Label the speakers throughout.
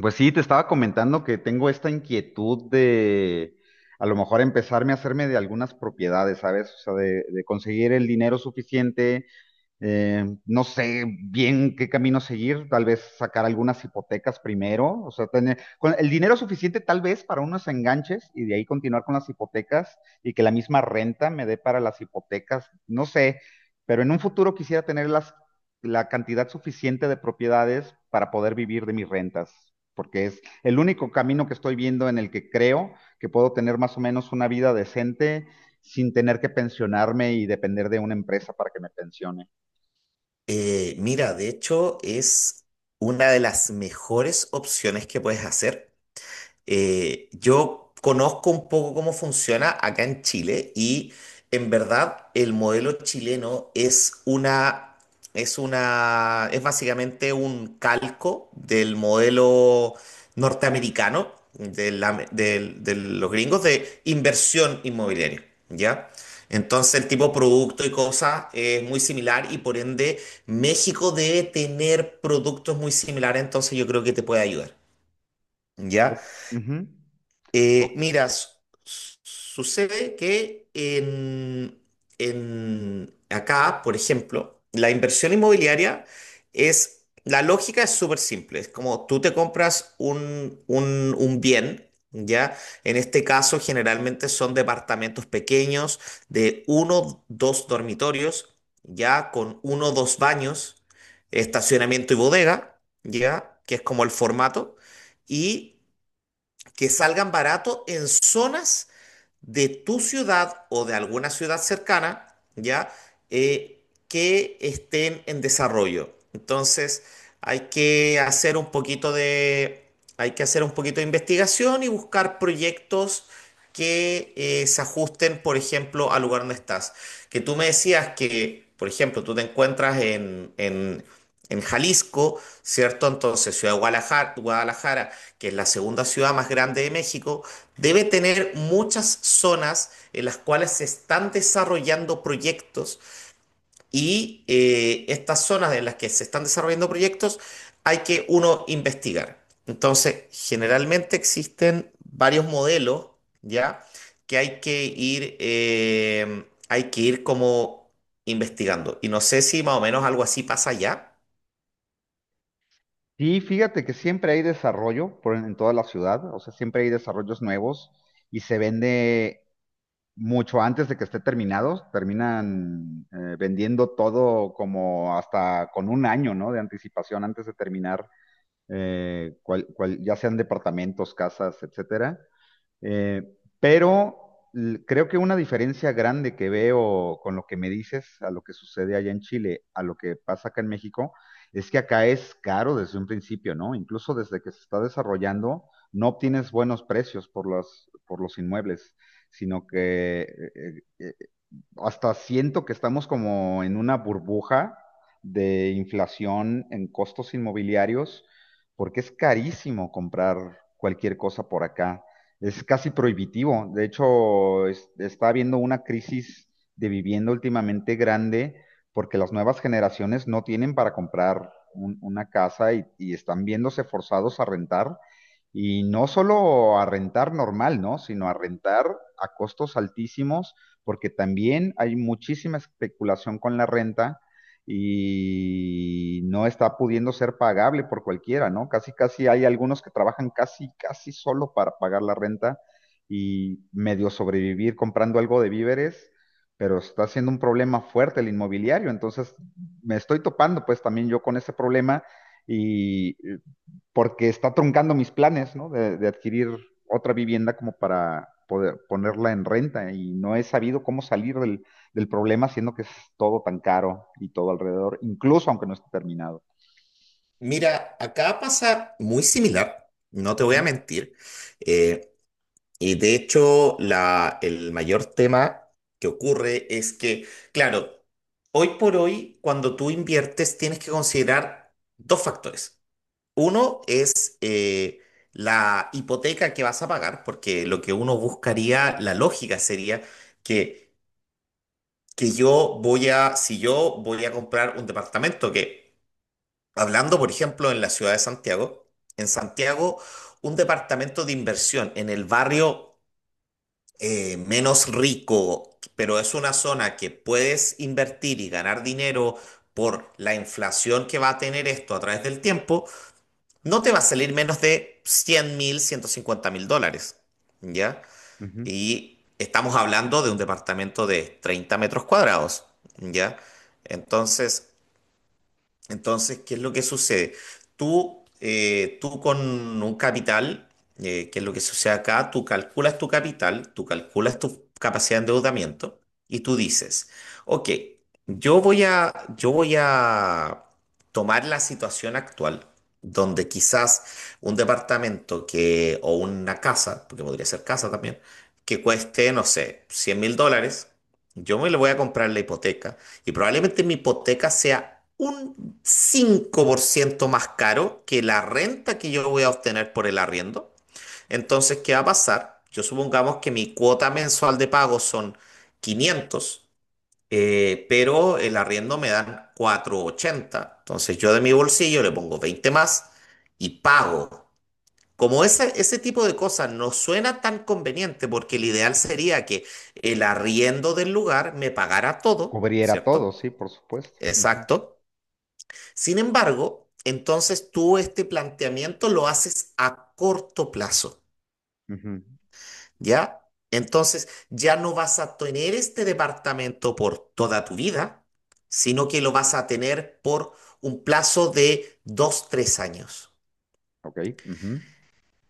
Speaker 1: Pues sí, te estaba comentando que tengo esta inquietud de a lo mejor empezarme a hacerme de algunas propiedades, ¿sabes? O sea, de conseguir el dinero suficiente, no sé bien qué camino seguir, tal vez sacar algunas hipotecas primero, o sea, tener con el dinero suficiente tal vez para unos enganches y de ahí continuar con las hipotecas y que la misma renta me dé para las hipotecas, no sé, pero en un futuro quisiera tener la cantidad suficiente de propiedades para poder vivir de mis rentas, porque es el único camino que estoy viendo en el que creo que puedo tener más o menos una vida decente sin tener que pensionarme y depender de una empresa para que me pensione.
Speaker 2: Mira, de hecho es una de las mejores opciones que puedes hacer. Yo conozco un poco cómo funciona acá en Chile y en verdad el modelo chileno es básicamente un calco del modelo norteamericano de los gringos de inversión inmobiliaria, ¿ya? Entonces el tipo de producto y cosas es muy similar y por ende México debe tener productos muy similares, entonces yo creo que te puede ayudar, ¿ya?
Speaker 1: O- Ujú. O-
Speaker 2: Mira, sucede que acá, por ejemplo, la inversión inmobiliaria es, la lógica es súper simple, es como tú te compras un bien, ¿ya? En este caso, generalmente son departamentos pequeños de uno, dos dormitorios, ¿ya? Con uno, dos baños, estacionamiento y bodega, ¿ya? Que es como el formato. Y que salgan baratos en zonas de tu ciudad o de alguna ciudad cercana, ¿ya? Que estén en desarrollo. Entonces, hay que hacer un poquito de, hay que hacer un poquito de investigación y buscar proyectos que se ajusten, por ejemplo, al lugar donde estás. Que tú me decías que, por ejemplo, tú te encuentras en Jalisco, ¿cierto? Entonces, Ciudad de Guadalajara, Guadalajara, que es la segunda ciudad más grande de México, debe tener muchas zonas en las cuales se están desarrollando proyectos y estas zonas en las que se están desarrollando proyectos hay que uno investigar. Entonces, generalmente existen varios modelos, ¿ya? Que hay que ir como investigando. Y no sé si más o menos algo así pasa allá.
Speaker 1: Sí, fíjate que siempre hay desarrollo en toda la ciudad, o sea, siempre hay desarrollos nuevos y se vende mucho antes de que esté terminado, terminan vendiendo todo como hasta con 1 año, ¿no? De anticipación antes de terminar, ya sean departamentos, casas, etcétera. Eh, pero Creo que una diferencia grande que veo con lo que me dices, a lo que sucede allá en Chile, a lo que pasa acá en México, es que acá es caro desde un principio, ¿no? Incluso desde que se está desarrollando, no obtienes buenos precios por por los inmuebles, sino que eh, eh, hasta siento que estamos como en una burbuja de inflación en costos inmobiliarios, porque es carísimo comprar cualquier cosa por acá. Es casi prohibitivo. De hecho, está habiendo una crisis de vivienda últimamente grande porque las nuevas generaciones no tienen para comprar una casa y están viéndose forzados a rentar. Y no solo a rentar normal, ¿no? Sino a rentar a costos altísimos porque también hay muchísima especulación con la renta y no está pudiendo ser pagable por cualquiera, ¿no? Casi, casi hay algunos que trabajan casi, casi solo para pagar la renta y medio sobrevivir comprando algo de víveres, pero está siendo un problema fuerte el inmobiliario, entonces me estoy topando pues también yo con ese problema y porque está truncando mis planes, ¿no? De adquirir otra vivienda como para poder ponerla en renta y no he sabido cómo salir del problema siendo que es todo tan caro y todo alrededor, incluso aunque no esté terminado.
Speaker 2: Mira, acá pasa muy similar, no te voy a
Speaker 1: Ujú,
Speaker 2: mentir. Eh, Y de hecho, el mayor tema que ocurre es que, claro, hoy por hoy, cuando tú inviertes, tienes que considerar dos factores. Uno es la hipoteca que vas a pagar, porque lo que uno buscaría, la lógica sería que, que si yo voy a comprar un departamento, que hablando, por ejemplo, en la ciudad de Santiago, en Santiago, un departamento de inversión en el barrio menos rico, pero es una zona que puedes invertir y ganar dinero por la inflación que va a tener esto a través del tiempo, no te va a salir menos de 100.000, 150.000 dólares, ¿ya?
Speaker 1: ujú.
Speaker 2: Y estamos hablando de un departamento de 30 metros cuadrados, ¿ya? Entonces, entonces, ¿qué es lo que sucede? Tú con un capital, ¿qué es lo que sucede acá? Tú calculas tu capital, tú calculas tu capacidad de endeudamiento y tú dices, ok, yo voy a tomar la situación actual, donde quizás un departamento o una casa, porque podría ser casa también, que cueste, no sé, 100.000 dólares, yo me le voy a comprar la hipoteca y probablemente mi hipoteca sea un 5% más caro que la renta que yo voy a obtener por el arriendo. Entonces, ¿qué va a pasar? Yo supongamos que mi cuota mensual de pago son 500, pero el arriendo me dan 480. Entonces, yo de mi bolsillo le pongo 20 más y pago. Como ese tipo de cosas no suena tan conveniente, porque el ideal sería que el arriendo del lugar me pagara todo,
Speaker 1: Cubriera todo,
Speaker 2: ¿cierto?
Speaker 1: sí, por supuesto. Ujú,
Speaker 2: Exacto. Sin embargo, entonces tú este planteamiento lo haces a corto plazo,
Speaker 1: ujú.
Speaker 2: ¿ya? Entonces ya no vas a tener este departamento por toda tu vida, sino que lo vas a tener por un plazo de 2, 3 años.
Speaker 1: Ok, ujú,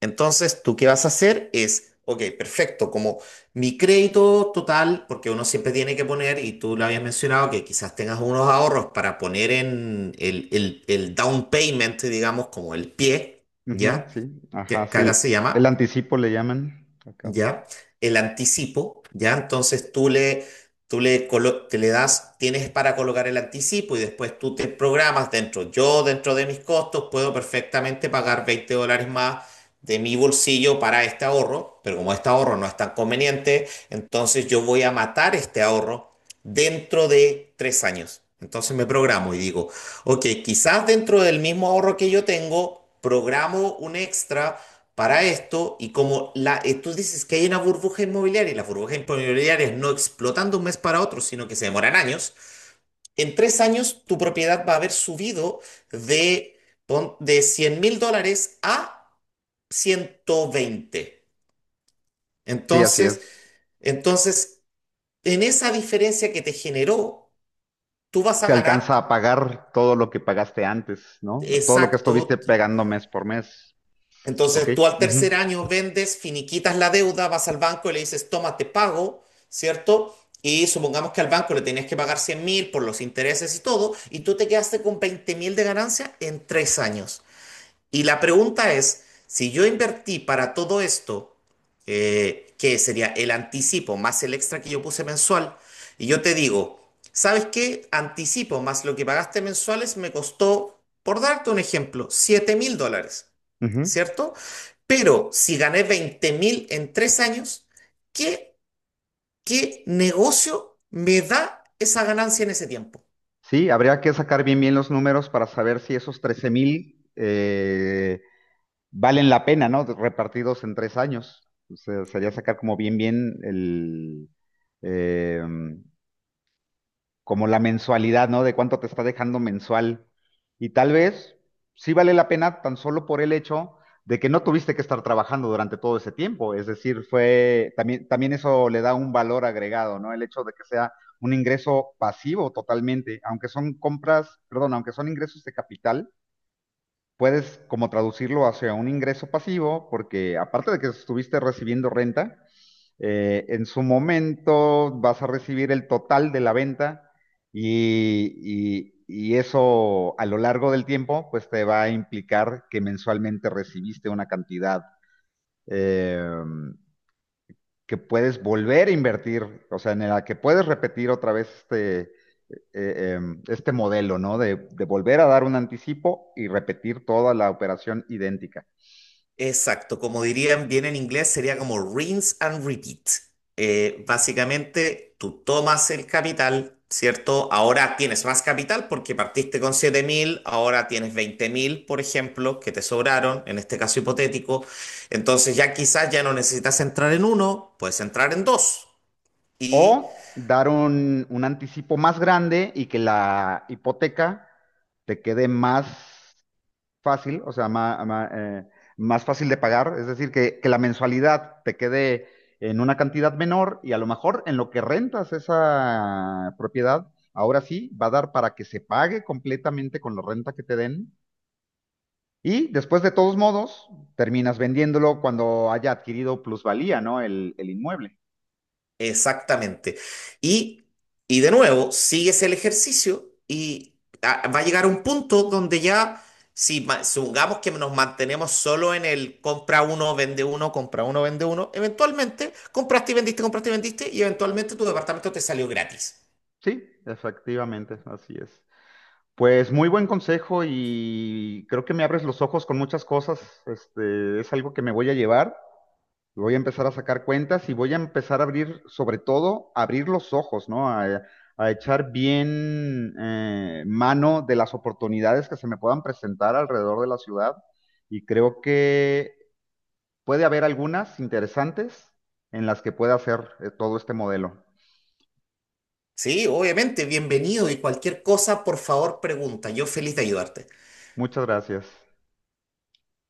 Speaker 2: Entonces, tú qué vas a hacer es, ok, perfecto, como mi crédito total, porque uno siempre tiene que poner, y tú lo habías mencionado, que quizás tengas unos ahorros para poner en el down payment, digamos, como el pie,
Speaker 1: ujú,
Speaker 2: ¿ya?
Speaker 1: sí, ajá,
Speaker 2: Que
Speaker 1: sí.
Speaker 2: acá se
Speaker 1: El
Speaker 2: llama.
Speaker 1: anticipo le llaman acá.
Speaker 2: ¿Ya? El anticipo, ¿ya? Entonces te le das, tienes para colocar el anticipo y después tú te programas dentro. Yo, dentro de mis costos, puedo perfectamente pagar 20 dólares más de mi bolsillo para este ahorro, pero como este ahorro no es tan conveniente, entonces yo voy a matar este ahorro dentro de 3 años. Entonces me programo y digo, ok, quizás dentro del mismo ahorro que yo tengo, programo un extra para esto y como tú dices que hay una burbuja inmobiliaria y las burbujas inmobiliarias no explotan de un mes para otro, sino que se demoran años, en 3 años tu propiedad va a haber subido de, de 100.000 dólares a 120.
Speaker 1: Sí, así
Speaker 2: Entonces,
Speaker 1: es.
Speaker 2: entonces, en esa diferencia que te generó, tú vas a
Speaker 1: Se
Speaker 2: ganar.
Speaker 1: alcanza a pagar todo lo que pagaste antes, ¿no? Todo lo que estuviste
Speaker 2: Exacto.
Speaker 1: pegando mes por mes. Ok.
Speaker 2: Entonces tú al tercer año vendes, finiquitas la deuda, vas al banco y le dices, toma, te pago, ¿cierto? Y supongamos que al banco le tenías que pagar 100.000 por los intereses y todo, y tú te quedaste con 20.000 de ganancia en 3 años. Y la pregunta es, si yo invertí para todo esto, que sería el anticipo más el extra que yo puse mensual, y yo te digo, ¿sabes qué? Anticipo más lo que pagaste mensuales me costó, por darte un ejemplo, 7.000 dólares,
Speaker 1: Ujú.
Speaker 2: ¿cierto? Pero si gané 20.000 en 3 años, ¿qué, qué negocio me da esa ganancia en ese tiempo?
Speaker 1: Sí, habría que sacar bien bien los números para saber si esos 13,000 valen la pena, ¿no? Repartidos en 3 años. O sea, sería sacar como bien bien eh, como la mensualidad, ¿no? De cuánto te está dejando mensual. Y tal vez sí vale la pena tan solo por el hecho de que no tuviste que estar trabajando durante todo ese tiempo. Es decir, también eso le da un valor agregado, ¿no? El hecho de que sea un ingreso pasivo totalmente, aunque son compras, perdón, aunque son ingresos de capital, puedes como traducirlo hacia un ingreso pasivo, porque aparte de que estuviste recibiendo renta, en su momento vas a recibir el total de la venta y eso a lo largo del tiempo pues te va a implicar que mensualmente recibiste una cantidad eh, que puedes volver a invertir, o sea, en la que puedes repetir otra vez este modelo, ¿no? De volver a dar un anticipo y repetir toda la operación idéntica.
Speaker 2: Exacto, como dirían bien en inglés, sería como rinse and repeat. Básicamente, tú tomas el capital, ¿cierto? Ahora tienes más capital porque partiste con 7.000, ahora tienes 20.000, por ejemplo, que te sobraron, en este caso hipotético. Entonces ya quizás ya no necesitas entrar en uno, puedes entrar en dos.
Speaker 1: O
Speaker 2: Y,
Speaker 1: dar un anticipo más grande y que la hipoteca te quede más fácil, o sea, más fácil de pagar, es decir, que la mensualidad te quede en una cantidad menor y a lo mejor en lo que rentas esa propiedad, ahora sí va a dar para que se pague completamente con la renta que te den y después de todos modos terminas vendiéndolo cuando haya adquirido plusvalía, ¿no? El inmueble.
Speaker 2: exactamente. Y, y de nuevo, sigues el ejercicio y va a llegar un punto donde ya, si ma- supongamos que nos mantenemos solo en el compra uno, vende uno, compra uno, vende uno, eventualmente compraste y vendiste y eventualmente tu departamento te salió gratis.
Speaker 1: Sí, efectivamente, así es. Pues muy buen consejo y creo que me abres los ojos con muchas cosas. Este, es algo que me voy a llevar. Voy a empezar a sacar cuentas y voy a empezar a abrir, sobre todo, abrir los ojos, ¿no? A echar bien mano de las oportunidades que se me puedan presentar alrededor de la ciudad. Y creo que puede haber algunas interesantes en las que pueda hacer todo este modelo.
Speaker 2: Sí, obviamente, bienvenido y cualquier cosa, por favor, pregunta. Yo feliz de ayudarte.
Speaker 1: Muchas gracias.